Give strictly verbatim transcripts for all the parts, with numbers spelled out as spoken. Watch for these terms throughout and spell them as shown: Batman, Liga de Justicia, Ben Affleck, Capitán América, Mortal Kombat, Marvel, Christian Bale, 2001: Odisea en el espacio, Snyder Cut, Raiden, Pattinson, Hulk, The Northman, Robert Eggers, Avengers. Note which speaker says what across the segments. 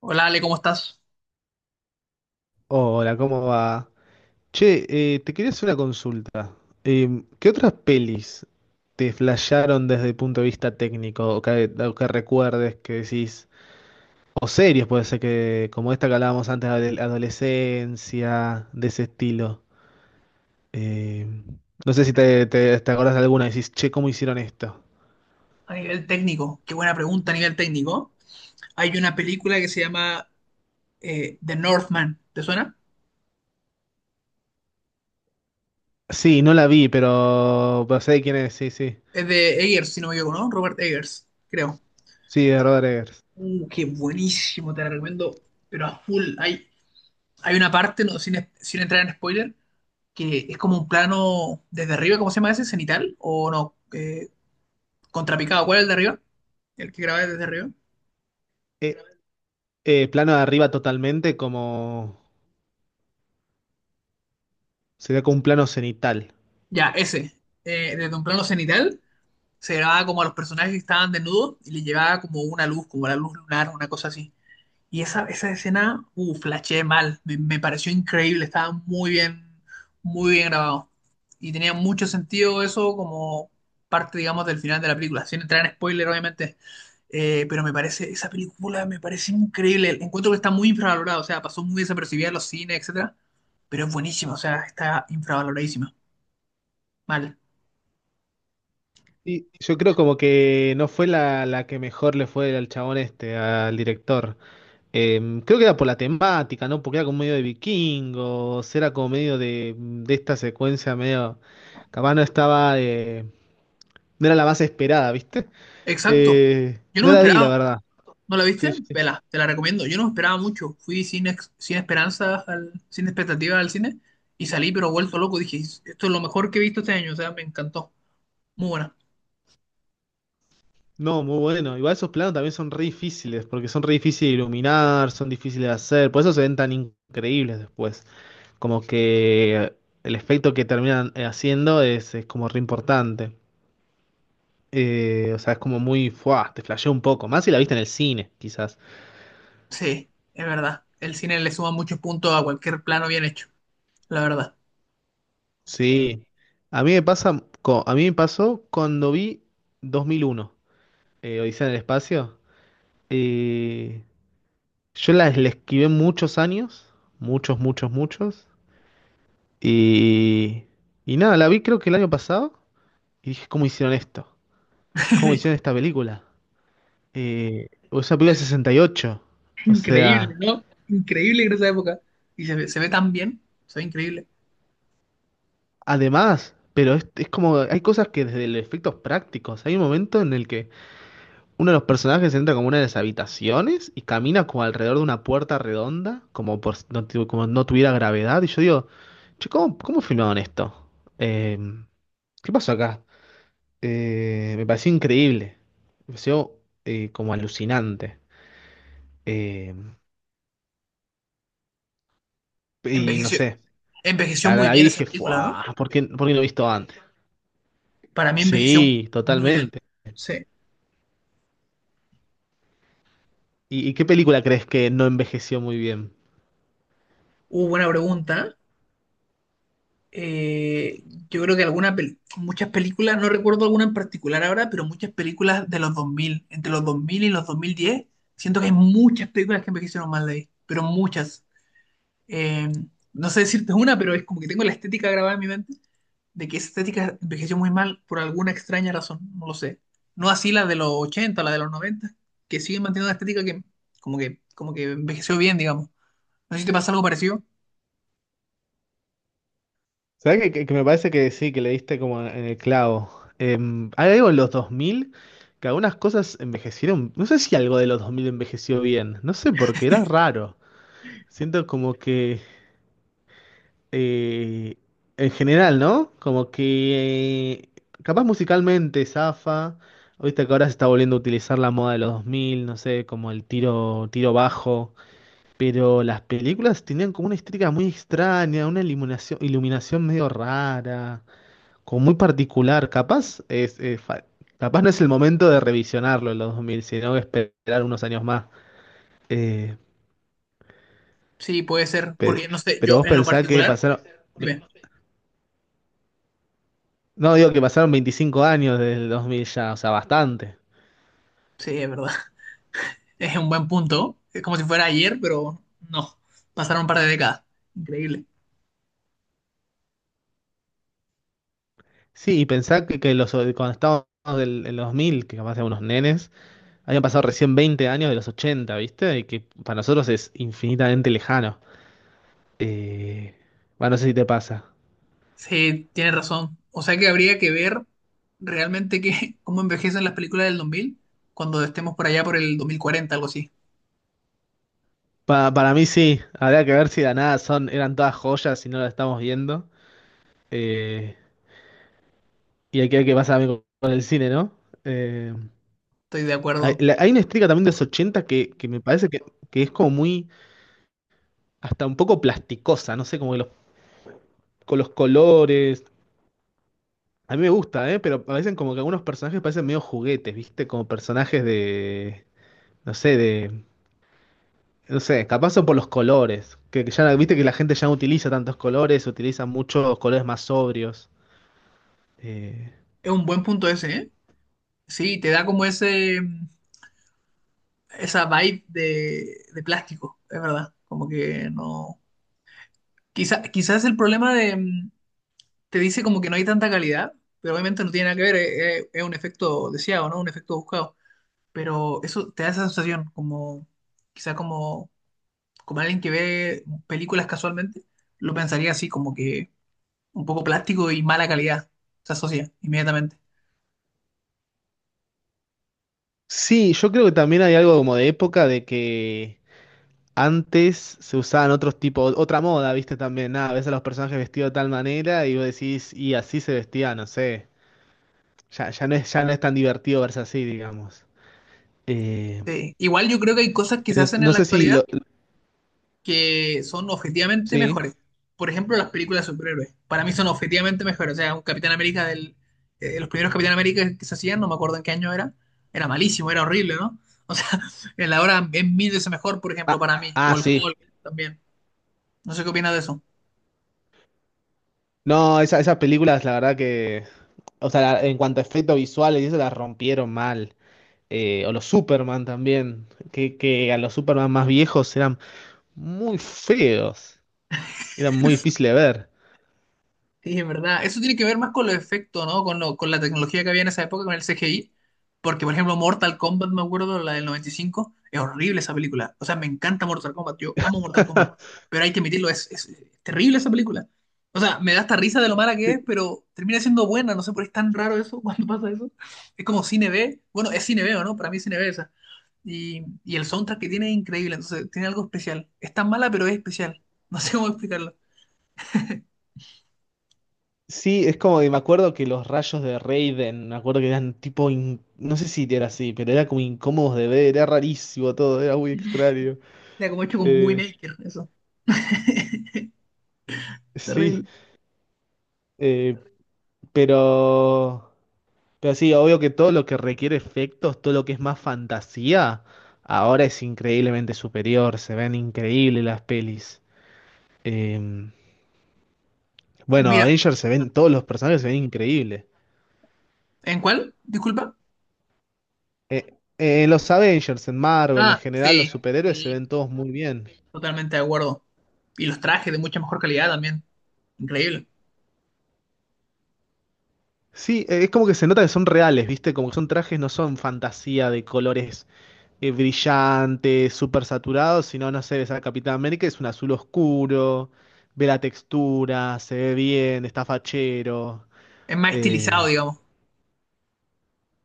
Speaker 1: Hola Ale, ¿cómo estás?
Speaker 2: Hola, ¿cómo va? Che, eh, te quería hacer una consulta. Em, ¿qué otras pelis te flasharon desde el punto de vista técnico o que, o que recuerdes que decís? O series, puede ser que, como esta que hablábamos antes, de adolescencia, de ese estilo. Em, no sé si te, te, te acordás de alguna y decís, che, ¿cómo hicieron esto?
Speaker 1: A nivel técnico, qué buena pregunta a nivel técnico. Hay una película que se llama eh, The Northman, ¿te suena?
Speaker 2: Sí, no la vi, pero, pero sé de quién es, sí, sí.
Speaker 1: Es de Eggers, si no me equivoco, ¿no? Robert Eggers, creo.
Speaker 2: Sí, de Robert Eggers.
Speaker 1: Uh, qué buenísimo, te la recomiendo, pero a full. Hay, hay una parte, no, sin, sin entrar en spoiler, que es como un plano desde arriba. ¿Cómo se llama ese? ¿Cenital? ¿O no? Eh, ¿contrapicado? ¿Cuál es el de arriba? ¿El que grabé desde arriba?
Speaker 2: Eh, eh, plano de arriba totalmente, como sería como un plano cenital.
Speaker 1: Ya, ese. Eh, desde un plano cenital se grababa como a los personajes que estaban desnudos y le llevaba como una luz, como la luz lunar, una cosa así. Y esa, esa escena, uh, flasheé mal. Me, me pareció increíble. Estaba muy bien, muy bien grabado. Y tenía mucho sentido eso como parte, digamos, del final de la película. Sin entrar en spoiler, obviamente. Eh, pero me parece, esa película me parece increíble. Encuentro que está muy infravalorada. O sea, pasó muy desapercibida en los cines, etcétera. Pero es buenísima. O sea, está infravaloradísima. Mal.
Speaker 2: Y yo creo como que no fue la, la que mejor le fue al chabón este, al director. Eh, creo que era por la temática, ¿no? Porque era como medio de vikingos, era como medio de, de esta secuencia medio... Capaz no estaba... eh, no era la más esperada, ¿viste?
Speaker 1: Exacto.
Speaker 2: Eh,
Speaker 1: Yo no
Speaker 2: no
Speaker 1: me
Speaker 2: la vi, la
Speaker 1: esperaba.
Speaker 2: verdad.
Speaker 1: ¿No la
Speaker 2: Sí,
Speaker 1: viste?
Speaker 2: sí.
Speaker 1: Vela, te la recomiendo. Yo no esperaba mucho. Fui sin, ex- sin esperanzas, al- sin expectativas al cine y salí pero vuelto loco. Dije, esto es lo mejor que he visto este año. O sea, me encantó. Muy buena.
Speaker 2: No, muy bueno. Igual esos planos también son re difíciles, porque son re difíciles de iluminar, son difíciles de hacer, por eso se ven tan increíbles después. Como que el efecto que terminan eh, haciendo es, es como re importante. Eh, o sea, es como muy, fuah, te flasheó un poco, más si la viste en el cine, quizás.
Speaker 1: Sí, es verdad. El cine le suma muchos puntos a cualquier plano bien hecho. La verdad.
Speaker 2: Sí. A mí me pasa, co- a mí me pasó cuando vi dos mil uno, eh, Odisea en el espacio. Eh, yo la, la esquivé muchos años, muchos, muchos, muchos. Y, y nada, la vi creo que el año pasado y dije, ¿cómo hicieron esto? ¿Cómo hicieron esta película? Eh, es una película de sesenta y ocho. O
Speaker 1: Increíble,
Speaker 2: sea,
Speaker 1: ¿no? Increíble en esa época. Y se ve, se ve tan bien. Se ve increíble.
Speaker 2: además, pero es, es como, hay cosas que desde los efectos prácticos, hay un momento en el que uno de los personajes entra como una de las habitaciones y camina como alrededor de una puerta redonda, como por si no, tu- como no tuviera gravedad. Y yo digo, che, ¿cómo, ¿cómo filmaron esto? Eh, ¿qué pasó acá? Eh, me pareció increíble, me pareció eh, como alucinante. Eh, y no
Speaker 1: Envejeció,
Speaker 2: sé,
Speaker 1: envejeció
Speaker 2: la,
Speaker 1: muy
Speaker 2: la vi y
Speaker 1: bien esa
Speaker 2: dije,
Speaker 1: película, ¿no?
Speaker 2: "Fua, ¿por qué, ¿por qué no he visto antes?".
Speaker 1: Para mí envejeció
Speaker 2: Sí,
Speaker 1: muy bien.
Speaker 2: totalmente.
Speaker 1: Sí.
Speaker 2: ¿Y, y qué película crees que no envejeció muy bien?
Speaker 1: Uh, buena pregunta. eh, yo creo que alguna pel- muchas películas, no recuerdo alguna en particular ahora, pero muchas películas de los dos mil, entre los dos mil y los dos mil diez, siento que hay muchas películas que envejecieron mal de ahí, pero muchas. Eh, no sé decirte una, pero es como que tengo la estética grabada en mi mente de que esa estética envejeció muy mal por alguna extraña razón, no lo sé. No así la de los ochenta, la de los noventa, que siguen manteniendo una estética que como que, como que envejeció bien, digamos. No sé si te pasa algo parecido.
Speaker 2: ¿Sabes que, que- que me parece que sí, que le diste como en el clavo? Em, hay algo en los dos mil que algunas cosas envejecieron. No sé si algo de los dos mil envejeció bien, no sé porque era raro. Siento como que eh, en general, ¿no? Como que eh, capaz musicalmente zafa. Viste que ahora se está volviendo a utilizar la moda de los dos mil, no sé, como el tiro, tiro bajo. Pero las películas tenían como una estética muy extraña, una iluminación, iluminación medio rara, como muy particular. Capaz es, es fa- capaz no es el momento de revisionarlo en los dos mil, sino esperar unos años más. Eh,
Speaker 1: Sí, puede ser, porque
Speaker 2: pe-
Speaker 1: no sé,
Speaker 2: pero,
Speaker 1: yo
Speaker 2: vos
Speaker 1: en lo
Speaker 2: pensás que
Speaker 1: particular,
Speaker 2: pasaron...
Speaker 1: dime,
Speaker 2: No, digo que pasaron veinticinco años desde el dos mil ya, o sea, bastante.
Speaker 1: sí, es verdad, es un buen punto, es como si fuera ayer, pero no, pasaron un par de décadas, increíble.
Speaker 2: Sí, y pensar que, que los, cuando estábamos del, en los dos mil, que capaz éramos unos nenes, habían pasado recién veinte años de los ochenta, ¿viste? Y que para nosotros es infinitamente lejano. Eh, bueno, no sé si te pasa.
Speaker 1: Sí, tienes razón. O sea que habría que ver realmente que, cómo envejecen las películas del dos mil cuando estemos por allá por el dos mil cuarenta, algo así.
Speaker 2: Pa- para mí sí, habría que ver si de la nada son, eran todas joyas y no las estamos viendo. Eh, y hay que ver qué pasa también con, con el cine, ¿no? Eh,
Speaker 1: Estoy de
Speaker 2: hay,
Speaker 1: acuerdo.
Speaker 2: la- hay una estética también de los ochenta que, que me parece que, que es como muy hasta un poco plasticosa, no sé, como que los, con los colores. A mí me gusta, ¿eh? Pero parecen como que algunos personajes parecen medio juguetes, ¿viste? Como personajes de, no sé, de, no sé, capaz son por los colores, que, que ya, viste que la gente ya no utiliza tantos colores, utiliza muchos colores más sobrios. Eh,
Speaker 1: Es un buen punto ese, ¿eh? Sí, te da como ese, esa vibe de, de plástico, es verdad. Como que no... Quizá, quizás el problema de... mm, te dice como que no hay tanta calidad, pero obviamente no tiene nada que ver, eh, eh, es un efecto deseado, ¿no? Un efecto buscado. Pero eso te da esa sensación, como... Quizá como como alguien que ve películas casualmente, lo pensaría así, como que un poco plástico y mala calidad. Se asocia inmediatamente.
Speaker 2: sí, yo creo que también hay algo como de época de que antes se usaban otros tipos, otra moda, viste también, nada, ves a los personajes vestidos de tal manera y vos decís, y así se vestía, no sé. Ya, ya no es, ya no es tan divertido verse así, digamos. Eh,
Speaker 1: Sí. Igual yo creo que hay cosas que se
Speaker 2: no,
Speaker 1: hacen en
Speaker 2: no
Speaker 1: la
Speaker 2: sé si
Speaker 1: actualidad
Speaker 2: lo.
Speaker 1: que son objetivamente
Speaker 2: Sí.
Speaker 1: mejores. Por ejemplo, las películas de superhéroes. Para mí son objetivamente mejores. O sea, un Capitán América del... eh, los primeros Capitán América que se hacían, no me acuerdo en qué año era. Era malísimo, era horrible, ¿no? O sea, en la hora es mil veces mejor, por ejemplo,
Speaker 2: Ah,
Speaker 1: para mí. O
Speaker 2: ah,
Speaker 1: el
Speaker 2: sí.
Speaker 1: Hulk también. No sé qué opinas de eso.
Speaker 2: No, esa, esas películas, la verdad que. O sea, la- en cuanto a efectos visuales, y eso las rompieron mal. Eh, o los Superman también. Que, que a los Superman más viejos eran muy feos. Eran muy difíciles de ver.
Speaker 1: Sí, es verdad. Eso tiene que ver más con los efectos, ¿no? Con, lo- con la tecnología que había en esa época, con el C G I. Porque, por ejemplo, Mortal Kombat, me acuerdo, la del noventa y cinco, es horrible esa película. O sea, me encanta Mortal Kombat, yo amo Mortal Kombat. Pero hay que admitirlo, es, es- es terrible esa película. O sea, me da hasta risa de lo mala que es, pero termina siendo buena. No sé por qué es tan raro eso, cuando pasa eso. Es como cine B. Bueno, es cine B, ¿o no? Para mí es cine B esa. Y, y el soundtrack que tiene es increíble, entonces tiene algo especial. Es tan mala, pero es especial. No sé cómo explicarlo.
Speaker 2: Sí, es como que me acuerdo que los rayos de Raiden, me acuerdo que eran tipo, in- no sé si era así, pero era como incómodos de ver, era rarísimo todo, era muy extraño.
Speaker 1: Ya, como hecho con muy
Speaker 2: Eh,
Speaker 1: Maker, eso.
Speaker 2: sí,
Speaker 1: Terrible.
Speaker 2: eh, pero, pero sí, obvio que todo lo que requiere efectos, todo lo que es más fantasía, ahora es increíblemente superior, se ven increíbles las pelis. Eh, bueno,
Speaker 1: Mira,
Speaker 2: Avengers se ven, todos los personajes se ven increíbles.
Speaker 1: ¿en cuál? Disculpa.
Speaker 2: Eh, eh, en los Avengers, en Marvel, en
Speaker 1: Ah,
Speaker 2: general, los
Speaker 1: sí,
Speaker 2: superhéroes se
Speaker 1: sí,
Speaker 2: ven todos muy bien.
Speaker 1: totalmente de acuerdo. Y los trajes de mucha mejor calidad también. Increíble.
Speaker 2: Sí, eh, es como que se nota que son reales, ¿viste? Como que son trajes, no son fantasía de colores eh, brillante, súper saturado, sino, no sé, ves a Capitán América, es un azul oscuro, ve la textura, se ve bien, está fachero.
Speaker 1: Es más estilizado,
Speaker 2: Eh,
Speaker 1: digamos.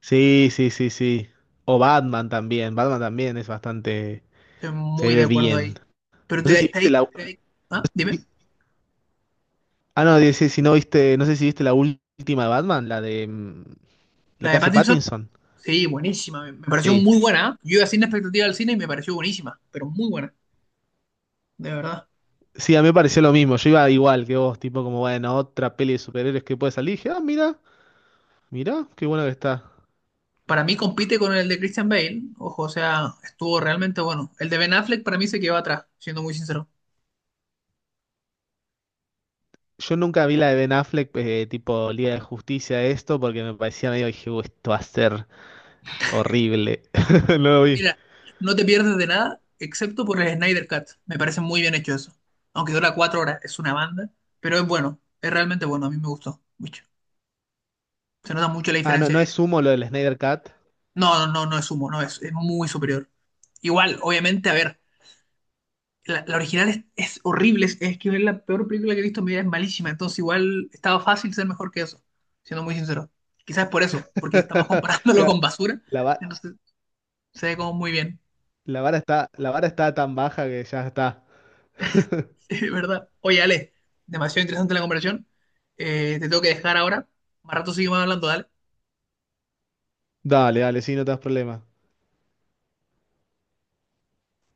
Speaker 2: sí, sí, sí, sí. O Batman también, Batman también es bastante,
Speaker 1: Estoy
Speaker 2: se
Speaker 1: muy de
Speaker 2: ve
Speaker 1: acuerdo
Speaker 2: bien.
Speaker 1: ahí. Pero
Speaker 2: No sé
Speaker 1: te,
Speaker 2: si viste
Speaker 1: te-
Speaker 2: la...
Speaker 1: te- ¿ah? Dime.
Speaker 2: Ah, no, dice, si no viste, no sé si viste la última de Batman, la de... mm, la
Speaker 1: La
Speaker 2: que
Speaker 1: de
Speaker 2: hace
Speaker 1: Pattinson,
Speaker 2: Pattinson.
Speaker 1: sí, buenísima. Me me pareció
Speaker 2: Sí.
Speaker 1: muy buena, ¿eh? Yo iba sin expectativa al cine y me pareció buenísima, pero muy buena, de verdad.
Speaker 2: Sí, a mí me pareció lo mismo. Yo iba igual que vos, tipo como, bueno, otra peli de superhéroes que puede salir. Y dije, ah, mira, mira, qué bueno que está.
Speaker 1: Para mí compite con el de Christian Bale. Ojo, o sea, estuvo realmente bueno. El de Ben Affleck para mí se quedó atrás, siendo muy sincero.
Speaker 2: Yo nunca vi la de Ben Affleck, eh, tipo Liga de Justicia, esto, porque me parecía medio, dije, "Uh, esto va a ser horrible". No lo vi.
Speaker 1: Mira, no te pierdes de nada, excepto por el Snyder Cut. Me parece muy bien hecho eso. Aunque dura cuatro horas, es una banda, pero es bueno, es realmente bueno, a mí me gustó mucho. Se nota mucho la
Speaker 2: Ah, no,
Speaker 1: diferencia.
Speaker 2: no
Speaker 1: De-
Speaker 2: es humo lo del Snyder Cut.
Speaker 1: No, no, no, no es humo, no, es, es muy superior. Igual, obviamente, a ver, la, la original es, es horrible, es, es que es la peor película que he visto en mi vida, es malísima, entonces igual estaba fácil ser mejor que eso, siendo muy sincero. Quizás por eso, porque estamos comparándolo
Speaker 2: Claro,
Speaker 1: con basura,
Speaker 2: La, va-
Speaker 1: entonces se ve como muy bien.
Speaker 2: la vara está, la vara está tan baja que ya está.
Speaker 1: Sí, ¿verdad? Oye, Ale, demasiado interesante la conversación. Eh, te tengo que dejar ahora. Más rato seguimos hablando, dale.
Speaker 2: Dale, dale, sí, no te das problema.